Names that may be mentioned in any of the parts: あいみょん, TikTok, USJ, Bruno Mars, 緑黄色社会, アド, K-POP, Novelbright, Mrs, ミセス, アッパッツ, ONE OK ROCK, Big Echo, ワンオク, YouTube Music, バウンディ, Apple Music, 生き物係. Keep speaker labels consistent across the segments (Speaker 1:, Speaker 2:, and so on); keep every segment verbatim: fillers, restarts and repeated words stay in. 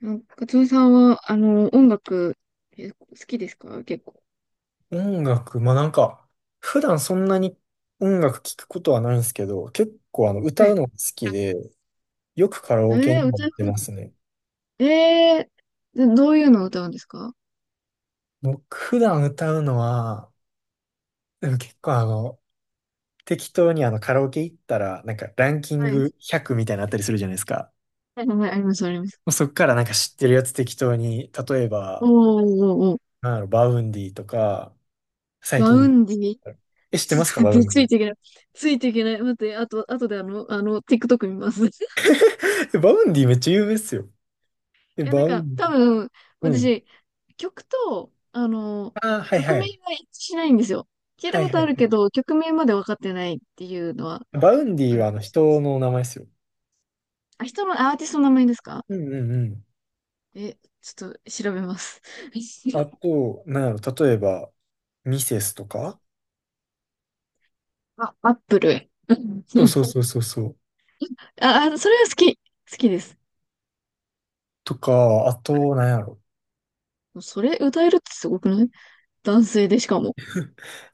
Speaker 1: なんか、カツオさんは、あの、音楽、え好きですか結構？
Speaker 2: 音楽、まあなんか、普段そんなに音楽聴くことはないんですけど、結構あの
Speaker 1: は
Speaker 2: 歌う
Speaker 1: い。
Speaker 2: のが好きで、よくカラ
Speaker 1: え
Speaker 2: オケに
Speaker 1: ー、
Speaker 2: も行
Speaker 1: 歌
Speaker 2: っ
Speaker 1: う
Speaker 2: て
Speaker 1: 方
Speaker 2: ま
Speaker 1: が
Speaker 2: すね。
Speaker 1: えー、どどういうのを歌うんですか？
Speaker 2: 僕普段歌うのは、でも結構あの、適当にあのカラオケ行ったら、なんかランキン
Speaker 1: はい。
Speaker 2: グひゃくみたいなのあったりするじゃないですか。
Speaker 1: はい、はい、あります、あります。
Speaker 2: もうそっからなんか知ってるやつ適当に、例えば、
Speaker 1: おー、おー、おー。
Speaker 2: なんだろう、バウンディとか、最
Speaker 1: バウ
Speaker 2: 近、
Speaker 1: ンディ？
Speaker 2: え、知って
Speaker 1: ちょ
Speaker 2: ますか、
Speaker 1: っ
Speaker 2: バウ
Speaker 1: と、
Speaker 2: ンデ
Speaker 1: ついてい
Speaker 2: ィ。
Speaker 1: けない。ついていけない。待って、あと、あとであの、あの、TikTok 見ます。い
Speaker 2: えバウンディめっちゃ有名っすよ。え、
Speaker 1: や、なん
Speaker 2: バウ
Speaker 1: か、
Speaker 2: ン
Speaker 1: 多分、
Speaker 2: ディ。うん。
Speaker 1: 私、曲と、あの、
Speaker 2: ああ、はい
Speaker 1: 曲
Speaker 2: は
Speaker 1: 名
Speaker 2: い。
Speaker 1: が一致しないんですよ。聞いた
Speaker 2: はい
Speaker 1: こと
Speaker 2: は
Speaker 1: ある
Speaker 2: い。
Speaker 1: けど、曲名まで分かってないっていうのは
Speaker 2: バウンデ
Speaker 1: あ
Speaker 2: ィ
Speaker 1: る
Speaker 2: はあ
Speaker 1: か
Speaker 2: の
Speaker 1: もしれない。
Speaker 2: 人の名前ですよ。
Speaker 1: あ、人のアーティストの名前ですか？
Speaker 2: うんうんうん。
Speaker 1: え、ちょっと調べます。
Speaker 2: あ と、なんやろ、例えば、ミセスとか、
Speaker 1: あ、アップル。うん
Speaker 2: そ
Speaker 1: う
Speaker 2: う
Speaker 1: ん。
Speaker 2: そうそうそうそう。
Speaker 1: あ、あそれは好き。好きです。
Speaker 2: とか、あと、なんやろ。
Speaker 1: それ歌えるってすごくない？男性でしかも。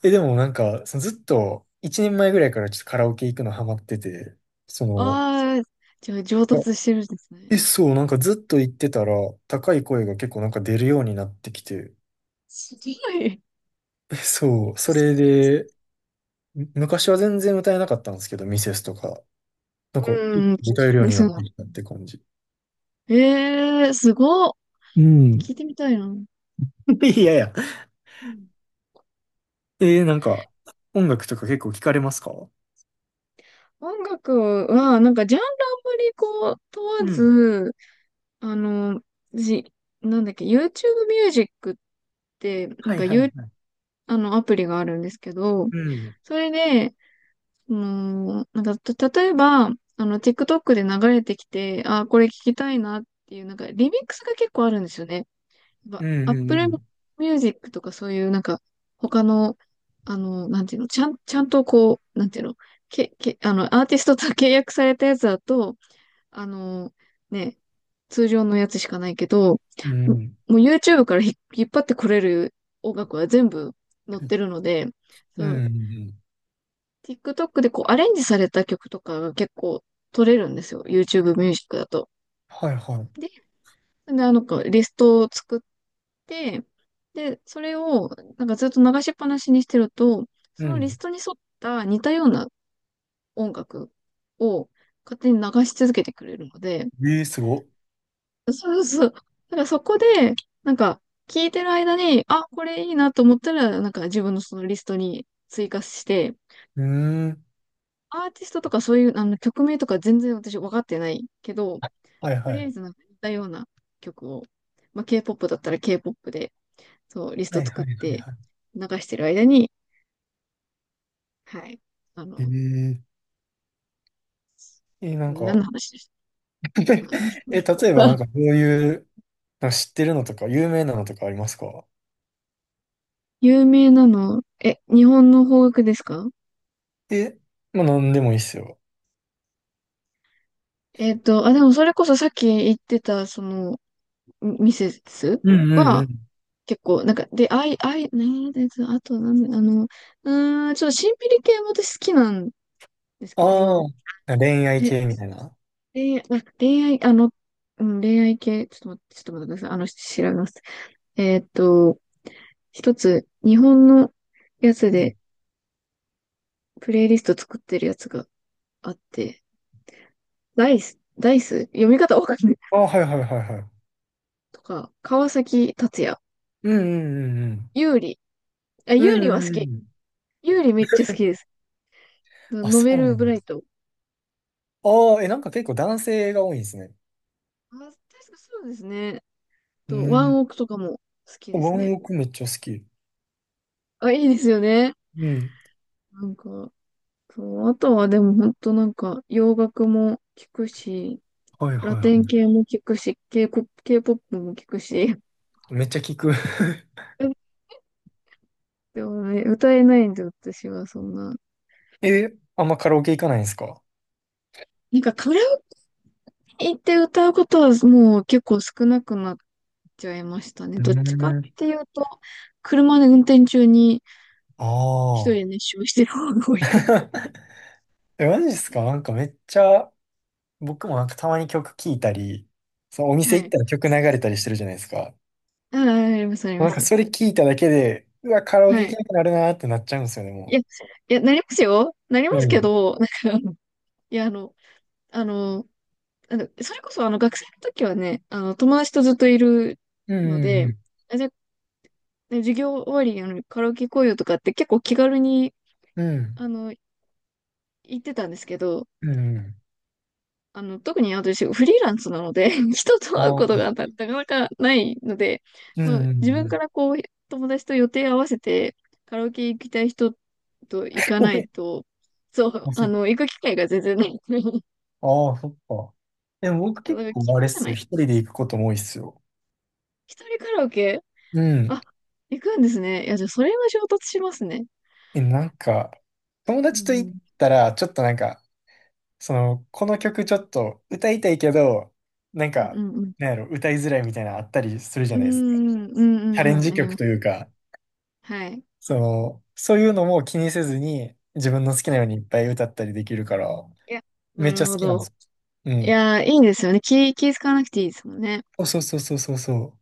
Speaker 2: え、でもなんか、そのずっと、いちねんまえぐらいからちょっとカラオケ行くのハマってて、その、
Speaker 1: ああ、じゃあ上
Speaker 2: あ
Speaker 1: 達してるんですね。
Speaker 2: え、そう、なんかずっと行ってたら、高い声が結構なんか出るようになってきて、
Speaker 1: すごい。
Speaker 2: えそう、それで、む昔は全然歌えなかったんですけど、ミセスとか、なんか、
Speaker 1: うん。
Speaker 2: 歌えるよう
Speaker 1: で
Speaker 2: にな
Speaker 1: す
Speaker 2: っ
Speaker 1: が。
Speaker 2: てきたって感じ。
Speaker 1: ええー、すごっ。
Speaker 2: うん。
Speaker 1: 聞いてみたいな。う
Speaker 2: いやいや、
Speaker 1: ん。
Speaker 2: えー、なんか、音楽とか結構聞かれますか？
Speaker 1: 音楽は、なんかジャンルあんまりこう、問
Speaker 2: う
Speaker 1: わ
Speaker 2: ん。
Speaker 1: ず、あの、じ、なんだっけ、YouTube ミュージックって、な
Speaker 2: は
Speaker 1: ん
Speaker 2: い
Speaker 1: か
Speaker 2: はいは
Speaker 1: 有
Speaker 2: い。
Speaker 1: あの、アプリがあるんですけど、
Speaker 2: うん。
Speaker 1: それで、その、なんか、た、例えば、あの、TikTok で流れてきて、あー、これ聞きたいなっていう、なんか、リミックスが結構あるんですよね。やっ
Speaker 2: うんう
Speaker 1: ぱ、
Speaker 2: んう
Speaker 1: Apple
Speaker 2: ん。
Speaker 1: Music とかそういう、なんか、他の、あの、なんていうの、ちゃん、ちゃんとこう、なんていうの、け、け、あの、アーティストと契約されたやつだと、あの、ね、通常のやつしかないけど、
Speaker 2: う
Speaker 1: も
Speaker 2: ん。
Speaker 1: う YouTube からひ引っ張ってこれる音楽は全部載ってるので、そ
Speaker 2: うん。
Speaker 1: の
Speaker 2: うんうん、
Speaker 1: TikTok でこうアレンジされた曲とかが結構取れるんですよ。YouTube ミュージックだと。
Speaker 2: はいは
Speaker 1: で、
Speaker 2: い。
Speaker 1: あの、こうリストを作って、で、それをなんかずっと流しっぱなしにしてると、そ
Speaker 2: う
Speaker 1: のリス
Speaker 2: ん。
Speaker 1: トに沿った似たような音楽を勝手に流し続けてくれるので、
Speaker 2: えー、すごっ。
Speaker 1: そうそう。だからそこで、なんか、聞いてる間に、あ、これいいなと思ったら、なんか自分のそのリストに追加して、
Speaker 2: うーん。
Speaker 1: アーティストとかそういう、あの、曲名とか全然私分かってないけど、
Speaker 2: はい
Speaker 1: と
Speaker 2: は
Speaker 1: りあ
Speaker 2: い。
Speaker 1: えずなんか似たような曲を、まあ、K-ケーポップ だったら K-ケーポップ で、そう、リス
Speaker 2: は
Speaker 1: ト
Speaker 2: い
Speaker 1: 作
Speaker 2: は
Speaker 1: っ
Speaker 2: いはい
Speaker 1: て
Speaker 2: はい。
Speaker 1: 流してる間に、はい、あ
Speaker 2: え
Speaker 1: の、
Speaker 2: ー、えー、なん
Speaker 1: 何の
Speaker 2: か、
Speaker 1: 話でし
Speaker 2: え、例えば
Speaker 1: たか？
Speaker 2: なんかどういう、なんか知ってるのとか、有名なのとかありますか？
Speaker 1: 有名なの、え、日本の邦楽ですか？
Speaker 2: え、まあなんでもいいっすよ。
Speaker 1: えっと、あ、でもそれこそさっき言ってた、その、ミセス
Speaker 2: うんうんう
Speaker 1: は
Speaker 2: ん。
Speaker 1: 結構、なんか、で、あい、アイねえ、で、あと、なんで、あの、うーん、ちょっとシンピリ系も私好きなんですけ
Speaker 2: あ
Speaker 1: ど、
Speaker 2: あ、恋愛
Speaker 1: え、
Speaker 2: 系みたいな。
Speaker 1: 恋愛、あ、恋愛、あの、うん、恋愛系、ちょっと待って、ちょっと待ってください。あの、調べます。えーっと、一つ、日本のや
Speaker 2: う
Speaker 1: つ
Speaker 2: ん。
Speaker 1: で、プレイリスト作ってるやつがあって、ダイス、ダイス読み方わかんない。
Speaker 2: ああ、はいはいはいはい。
Speaker 1: とか、川崎達也、
Speaker 2: うんうん
Speaker 1: ユーリ。あ、
Speaker 2: う
Speaker 1: ユ
Speaker 2: ん
Speaker 1: ーリ
Speaker 2: う
Speaker 1: は
Speaker 2: ん。うん
Speaker 1: 好
Speaker 2: うんう
Speaker 1: き。
Speaker 2: ん。
Speaker 1: ユーリめっちゃ好きです。
Speaker 2: あ、
Speaker 1: ノ
Speaker 2: そ
Speaker 1: ベ
Speaker 2: うな
Speaker 1: ルブ
Speaker 2: の。
Speaker 1: ライト。
Speaker 2: ああ、え、なんか結構男性が多いんですね。
Speaker 1: あ、確かそうですね。
Speaker 2: う
Speaker 1: と、ワ
Speaker 2: ん。
Speaker 1: ンオクとかも好き
Speaker 2: ワ
Speaker 1: ですね。
Speaker 2: ンオクめっちゃ好き。
Speaker 1: あ、いいですよね。
Speaker 2: うん。
Speaker 1: なんか、そう、あとはでも本当なんか、洋楽も聞くし、
Speaker 2: はい
Speaker 1: ラ
Speaker 2: はいは
Speaker 1: テン系も聞くし、K-ケーポップ、ケーピーオー も聞くし。
Speaker 2: い。めっちゃ聞く。
Speaker 1: でもね、歌えないんで、私はそんな。
Speaker 2: え、あんまカラオケ行かないんですか？
Speaker 1: なんかカラオケ行って歌うことはもう結構少なくなっちゃいましたね。
Speaker 2: う
Speaker 1: どっちかっ
Speaker 2: ん。
Speaker 1: ていうと、車で運転中に
Speaker 2: あ
Speaker 1: 一人
Speaker 2: あ。
Speaker 1: で熱唱してる方が多いかも。
Speaker 2: え、マジですか？なんかめっちゃ、僕もなんかたまに曲聴いたり、そのお
Speaker 1: は
Speaker 2: 店行っ
Speaker 1: い。
Speaker 2: たら曲流れたりしてるじゃないですか。
Speaker 1: ああ、あります、ありま
Speaker 2: なんか
Speaker 1: す。
Speaker 2: それ聞いただけで、うわ、カラオケ
Speaker 1: は
Speaker 2: 行け
Speaker 1: い。
Speaker 2: なくなるなーってなっちゃうんですよね、
Speaker 1: いや、
Speaker 2: も
Speaker 1: いや、なりますよ。なりま
Speaker 2: う
Speaker 1: すけ
Speaker 2: ん。
Speaker 1: ど、なんか、いや、あの、あの、あの、それこそ、あの、学生の時はね、あの、友達とずっといる
Speaker 2: う
Speaker 1: の
Speaker 2: ん
Speaker 1: で、
Speaker 2: うん
Speaker 1: あ、じゃあ、ね授業終わりに、あの、カラオケ行こうよとかって結構気軽に、
Speaker 2: うん。
Speaker 1: あの、言ってたんですけど、
Speaker 2: うんうん。
Speaker 1: あの、特に私、フリーランスなので、人と
Speaker 2: あ
Speaker 1: 会うこと
Speaker 2: あ。
Speaker 1: がなかなかないので、
Speaker 2: うんうんう
Speaker 1: ま
Speaker 2: ん。うん
Speaker 1: あ、
Speaker 2: う
Speaker 1: 自
Speaker 2: ん
Speaker 1: 分
Speaker 2: う
Speaker 1: か
Speaker 2: ん。
Speaker 1: らこう、友達と予定合わせて、カラオケ行きたい人と行かない と、そ
Speaker 2: ま
Speaker 1: う、
Speaker 2: あ、そ、
Speaker 1: あの、行く機会が全然ない。
Speaker 2: ああ、そっか。でも僕
Speaker 1: だか
Speaker 2: 結
Speaker 1: ら気じ
Speaker 2: 構あれっ
Speaker 1: ゃ
Speaker 2: す
Speaker 1: な
Speaker 2: よ。
Speaker 1: い。
Speaker 2: 一人で行くことも多いっすよ。
Speaker 1: 一人カラオケ？
Speaker 2: うん。
Speaker 1: あ、行くんですね。いや、じゃあそれは衝突しますね。
Speaker 2: え、なんか、友
Speaker 1: う
Speaker 2: 達と行っ
Speaker 1: ん。
Speaker 2: たら、ちょっとなんか、その、この曲ちょっと歌いたいけど、なん
Speaker 1: うんう
Speaker 2: か、
Speaker 1: んうん。
Speaker 2: なんやろ、歌いづらいみたいなのあったりするじゃ
Speaker 1: う
Speaker 2: ないですか。
Speaker 1: んうん
Speaker 2: チャ
Speaker 1: う
Speaker 2: レン
Speaker 1: んうん。
Speaker 2: ジ
Speaker 1: あり
Speaker 2: 曲
Speaker 1: ます。
Speaker 2: というか、
Speaker 1: はい。
Speaker 2: その、そういうのも気にせずに、自分の好き
Speaker 1: あ、
Speaker 2: なようにいっぱい歌ったりできるから、
Speaker 1: いや、な
Speaker 2: めっち
Speaker 1: る
Speaker 2: ゃ好
Speaker 1: ほ
Speaker 2: きなんです
Speaker 1: ど。
Speaker 2: よ。う
Speaker 1: い
Speaker 2: ん。
Speaker 1: や、いいですよね。気、気使わなくていいですもんね。
Speaker 2: そうそうそうそうそうそ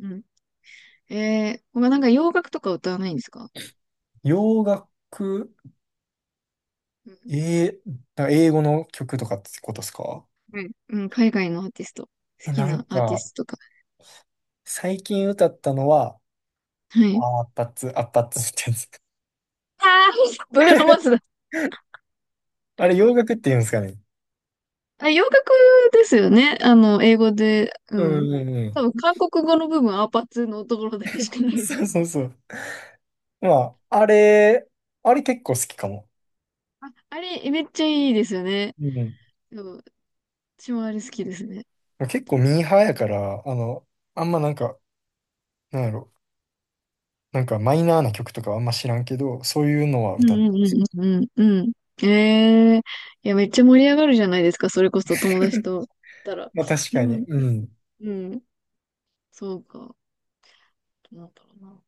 Speaker 1: うん。えー、他なんか洋楽とか歌わないんですか？
Speaker 2: う。洋楽、
Speaker 1: うん。
Speaker 2: えー、だ英語の曲とかってことですか？
Speaker 1: はい。うん、海外のアーティスト。好
Speaker 2: え、
Speaker 1: き
Speaker 2: なん
Speaker 1: なアーティ
Speaker 2: か、
Speaker 1: ストとか。
Speaker 2: 最近歌ったのは、
Speaker 1: は
Speaker 2: あ
Speaker 1: い。
Speaker 2: ーアッパッツ、アッパッツってやつ。
Speaker 1: ああ、ブルーノ・マーズ？
Speaker 2: あれ、洋楽って言うんですかね。
Speaker 1: あ、洋楽ですよね。あの、英語で、う
Speaker 2: うん
Speaker 1: ん。
Speaker 2: うんう
Speaker 1: 多
Speaker 2: ん。
Speaker 1: 分、韓国語の部分、アーパーツのところだけしかないです。
Speaker 2: そうそうそう。まあ、あれ、あれ結構好きかも。
Speaker 1: あれ、めっちゃいいですよね。
Speaker 2: うん。
Speaker 1: そう、私もあれ好きですね。
Speaker 2: 結構ミーハーやから、あの、あんまなんか、なんやろ、なんかマイナーな曲とかあんま知らんけど、そういうのは
Speaker 1: う
Speaker 2: 歌ったんで
Speaker 1: んう
Speaker 2: す
Speaker 1: ん
Speaker 2: よ。
Speaker 1: うんうんうん。うん。ええー、いや、めっちゃ盛り上がるじゃないですか。それこそ友達 と行ったら。
Speaker 2: まあ確
Speaker 1: う
Speaker 2: かに。
Speaker 1: ん。
Speaker 2: うん。
Speaker 1: うん。そうか。どうなんだろうな。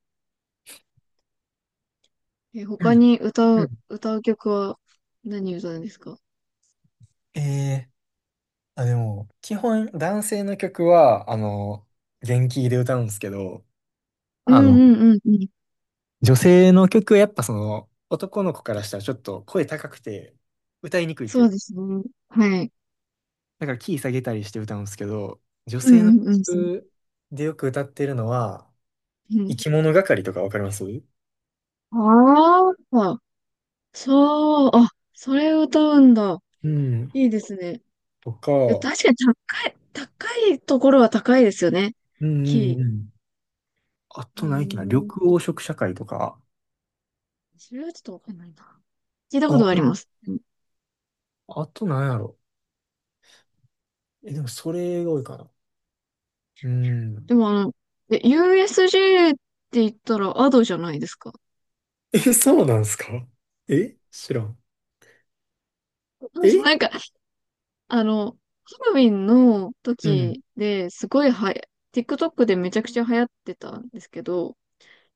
Speaker 1: え、
Speaker 2: う
Speaker 1: 他
Speaker 2: ん
Speaker 1: に歌
Speaker 2: う
Speaker 1: う、
Speaker 2: ん、
Speaker 1: 歌う曲は何歌うんですか？
Speaker 2: えーあ、でも、基本男性の曲は、あの、元気で歌うんですけど、
Speaker 1: うん
Speaker 2: あの、
Speaker 1: うんうんうん。
Speaker 2: 女性の曲はやっぱその、男の子からしたらちょっと声高くて歌いにくいって
Speaker 1: そ
Speaker 2: いう
Speaker 1: うで
Speaker 2: か、
Speaker 1: すね。はい。
Speaker 2: だからキー下げたりして歌うんですけど、女
Speaker 1: う
Speaker 2: 性
Speaker 1: ん
Speaker 2: の
Speaker 1: うんうん。
Speaker 2: 曲でよく歌ってるのは、
Speaker 1: う
Speaker 2: 生
Speaker 1: ん。
Speaker 2: き物係とかわかります？
Speaker 1: ああ、そう、あ、それを歌うんだ。
Speaker 2: うん。
Speaker 1: いいですね。
Speaker 2: とか、
Speaker 1: で、
Speaker 2: う
Speaker 1: 確かに高い、高いところは高いですよね。
Speaker 2: んうん
Speaker 1: キ
Speaker 2: うん。あ
Speaker 1: ー。え
Speaker 2: と何やっけな、緑
Speaker 1: ー、
Speaker 2: 黄色社会とか、
Speaker 1: それはちょっとわかんないな。聞いたこ
Speaker 2: あ、
Speaker 1: とがあります。うん。
Speaker 2: あと何やろ。え、でもそれが多いかな。うん。
Speaker 1: でもあの、え、 ユーエスジェー って言ったらアドじゃないですか。
Speaker 2: え、そうなんすか？え知らん。え
Speaker 1: なんか、あの、ハロウィンの
Speaker 2: うん。
Speaker 1: 時ですごいはや、TikTok でめちゃくちゃ流行ってたんですけど、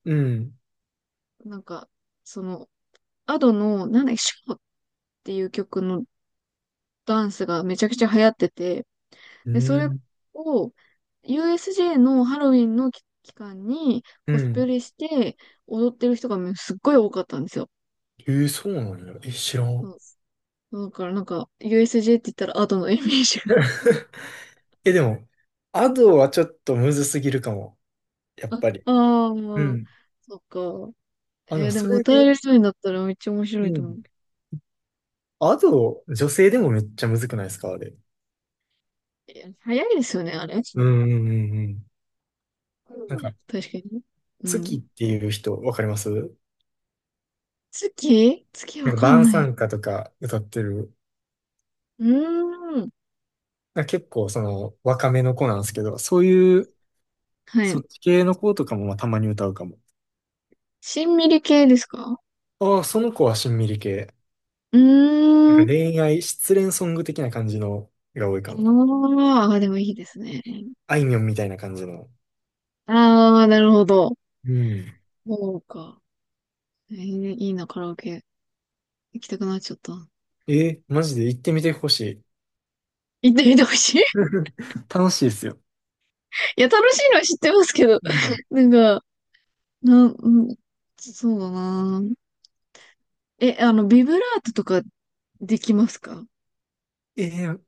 Speaker 2: うん。
Speaker 1: なんか、その、アドの、なんだっけ、ショーっていう曲のダンスがめちゃくちゃ流行ってて、
Speaker 2: う
Speaker 1: で、それ
Speaker 2: ん。
Speaker 1: を ユーエスジェー のハロウィンの期期間に
Speaker 2: う
Speaker 1: コスプ
Speaker 2: ん。
Speaker 1: レして踊ってる人がすっごい多かったんですよ。
Speaker 2: えーそうなんや。え、知ら
Speaker 1: そ
Speaker 2: ん。
Speaker 1: うだからなんか ユーエスジェー って言ったらアートのイメージが。
Speaker 2: え、でも、アドはちょっとむずすぎるかも。や っ
Speaker 1: あ
Speaker 2: ぱり。
Speaker 1: あ
Speaker 2: う
Speaker 1: ー、
Speaker 2: ん。
Speaker 1: そっか。
Speaker 2: あの、
Speaker 1: えーで
Speaker 2: そ
Speaker 1: も
Speaker 2: れ
Speaker 1: 歌える
Speaker 2: で、
Speaker 1: 人になったらめっちゃ面白
Speaker 2: う
Speaker 1: いと思う
Speaker 2: ん。アド、女性でもめっちゃむずくないですかあれ。
Speaker 1: けど。いや早いですよね、あれ。う
Speaker 2: うんうんうんうん。なん
Speaker 1: ん
Speaker 2: か、
Speaker 1: 確かにね。う
Speaker 2: 月
Speaker 1: ん。
Speaker 2: っていう人、わかります？な
Speaker 1: 月月わ
Speaker 2: んか、
Speaker 1: かん
Speaker 2: 晩
Speaker 1: ない。
Speaker 2: 餐歌とか歌ってる。
Speaker 1: うーん。
Speaker 2: なんか結構、その、若めの子なんですけど、そういう、
Speaker 1: は
Speaker 2: そっ
Speaker 1: い。
Speaker 2: ち系の子とかもまあたまに歌うかも。
Speaker 1: しんみり系ですか？
Speaker 2: ああ、その子はしんみり系。
Speaker 1: う
Speaker 2: なん
Speaker 1: ー
Speaker 2: か
Speaker 1: ん。
Speaker 2: 恋愛、失恋ソング的な感じのが多いかな。
Speaker 1: ああ、でもいいですね。
Speaker 2: あいみょんみたいな感じの。
Speaker 1: ああ、なるほど。
Speaker 2: うん。
Speaker 1: そうか。えー、いいな、カラオケ。行きたくなっちゃった。
Speaker 2: えーマジで行ってみてほしい。
Speaker 1: 行ってみてほしい。
Speaker 2: 楽しいですよ。
Speaker 1: いや、楽しいのは知ってますけど。
Speaker 2: うん。
Speaker 1: なんか、なん、うん、そうだな。え、あの、ビブラートとかできますか？
Speaker 2: えー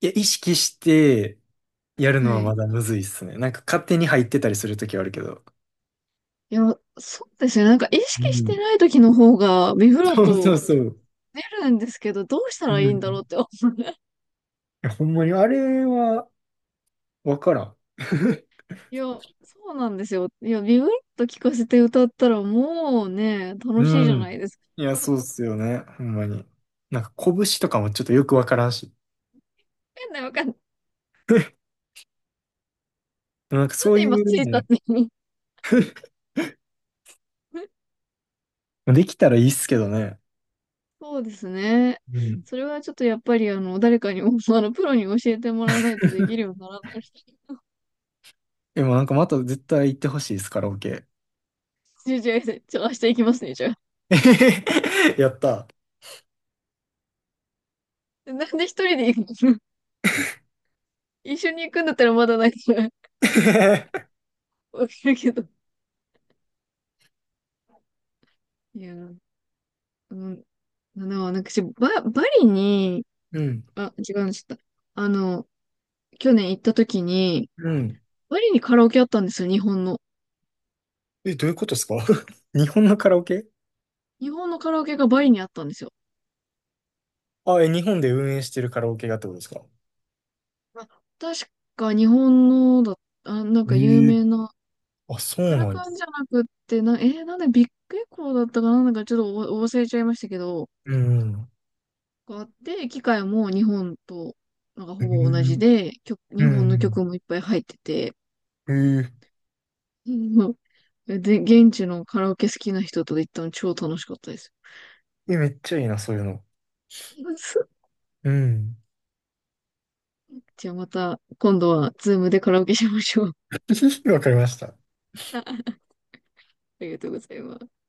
Speaker 2: いや、意識してやるの
Speaker 1: は
Speaker 2: はま
Speaker 1: い。
Speaker 2: だむずいっすね。なんか勝手に入ってたりするときはあるけど。
Speaker 1: いや、そうですね。なんか意
Speaker 2: う
Speaker 1: 識して
Speaker 2: ん。
Speaker 1: ない時の方がビブラー
Speaker 2: そうそ
Speaker 1: ト
Speaker 2: うそう。
Speaker 1: 出るんですけど、どうした
Speaker 2: う
Speaker 1: らいい
Speaker 2: ん、
Speaker 1: んだろう
Speaker 2: い
Speaker 1: って。
Speaker 2: や、ほんまにあれはわからん。
Speaker 1: いや、そうなんですよ。いや、ビブラート聞かせて歌ったらもうね、楽
Speaker 2: う
Speaker 1: しいじゃない
Speaker 2: ん。
Speaker 1: ですか。
Speaker 2: いや、そうっすよね。ほんまに。なんか拳とかもちょっとよくわからんし。
Speaker 1: んないわかんない。
Speaker 2: でもなんか
Speaker 1: なん
Speaker 2: そう
Speaker 1: で
Speaker 2: い
Speaker 1: 今ついたっ
Speaker 2: う
Speaker 1: て
Speaker 2: の、できたらいいっすけどね。
Speaker 1: そうですね。
Speaker 2: うん。
Speaker 1: それはちょっとやっぱりあの、誰かに、あの、プロに教えてもらわないとできるようにならない。
Speaker 2: でもなんかまた絶対行ってほしいです、カラオケ。
Speaker 1: じゃあ、じゃあ、じゃ明日行きますね、じゃあ。
Speaker 2: えへへへやった。
Speaker 1: でなんで一人で行くの？一緒に行くんだったらまだないから わかるけど。いや、うん、あの、なんか私、バ、バリに、
Speaker 2: うん。
Speaker 1: あ、違うの、ちょっと、あの、去年行った時に、
Speaker 2: うん。
Speaker 1: バリにカラオケあったんですよ、日本の。
Speaker 2: え、どういうことですか？ 日本のカラオケ、
Speaker 1: 日本のカラオケがバリにあったんですよ。
Speaker 2: あ、え、日本で運営してるカラオケがってことですか？
Speaker 1: あ、確か日本のだ、あ、なんか有
Speaker 2: ええ。
Speaker 1: 名な、
Speaker 2: あ、そ
Speaker 1: カ
Speaker 2: う
Speaker 1: ラ
Speaker 2: なんや。
Speaker 1: カンじゃなくって、な、えーなんでビッグエコーだったかな、なんかちょっとお忘れちゃいましたけど、
Speaker 2: うんうん。
Speaker 1: があって、機械も日本と、なんか
Speaker 2: え
Speaker 1: ほぼ同じ
Speaker 2: ー、
Speaker 1: で、曲、日
Speaker 2: う
Speaker 1: 本の
Speaker 2: ん
Speaker 1: 曲もいっぱい入ってて、
Speaker 2: うん。えー、
Speaker 1: うん。で、現地のカラオケ好きな人と行ったの超楽しかったです。
Speaker 2: えめっちゃいいな、そういうの。うん。
Speaker 1: じゃあまた、今度は、ズームでカラオケしましょう。
Speaker 2: わかりました。
Speaker 1: あ、ありがとうございます。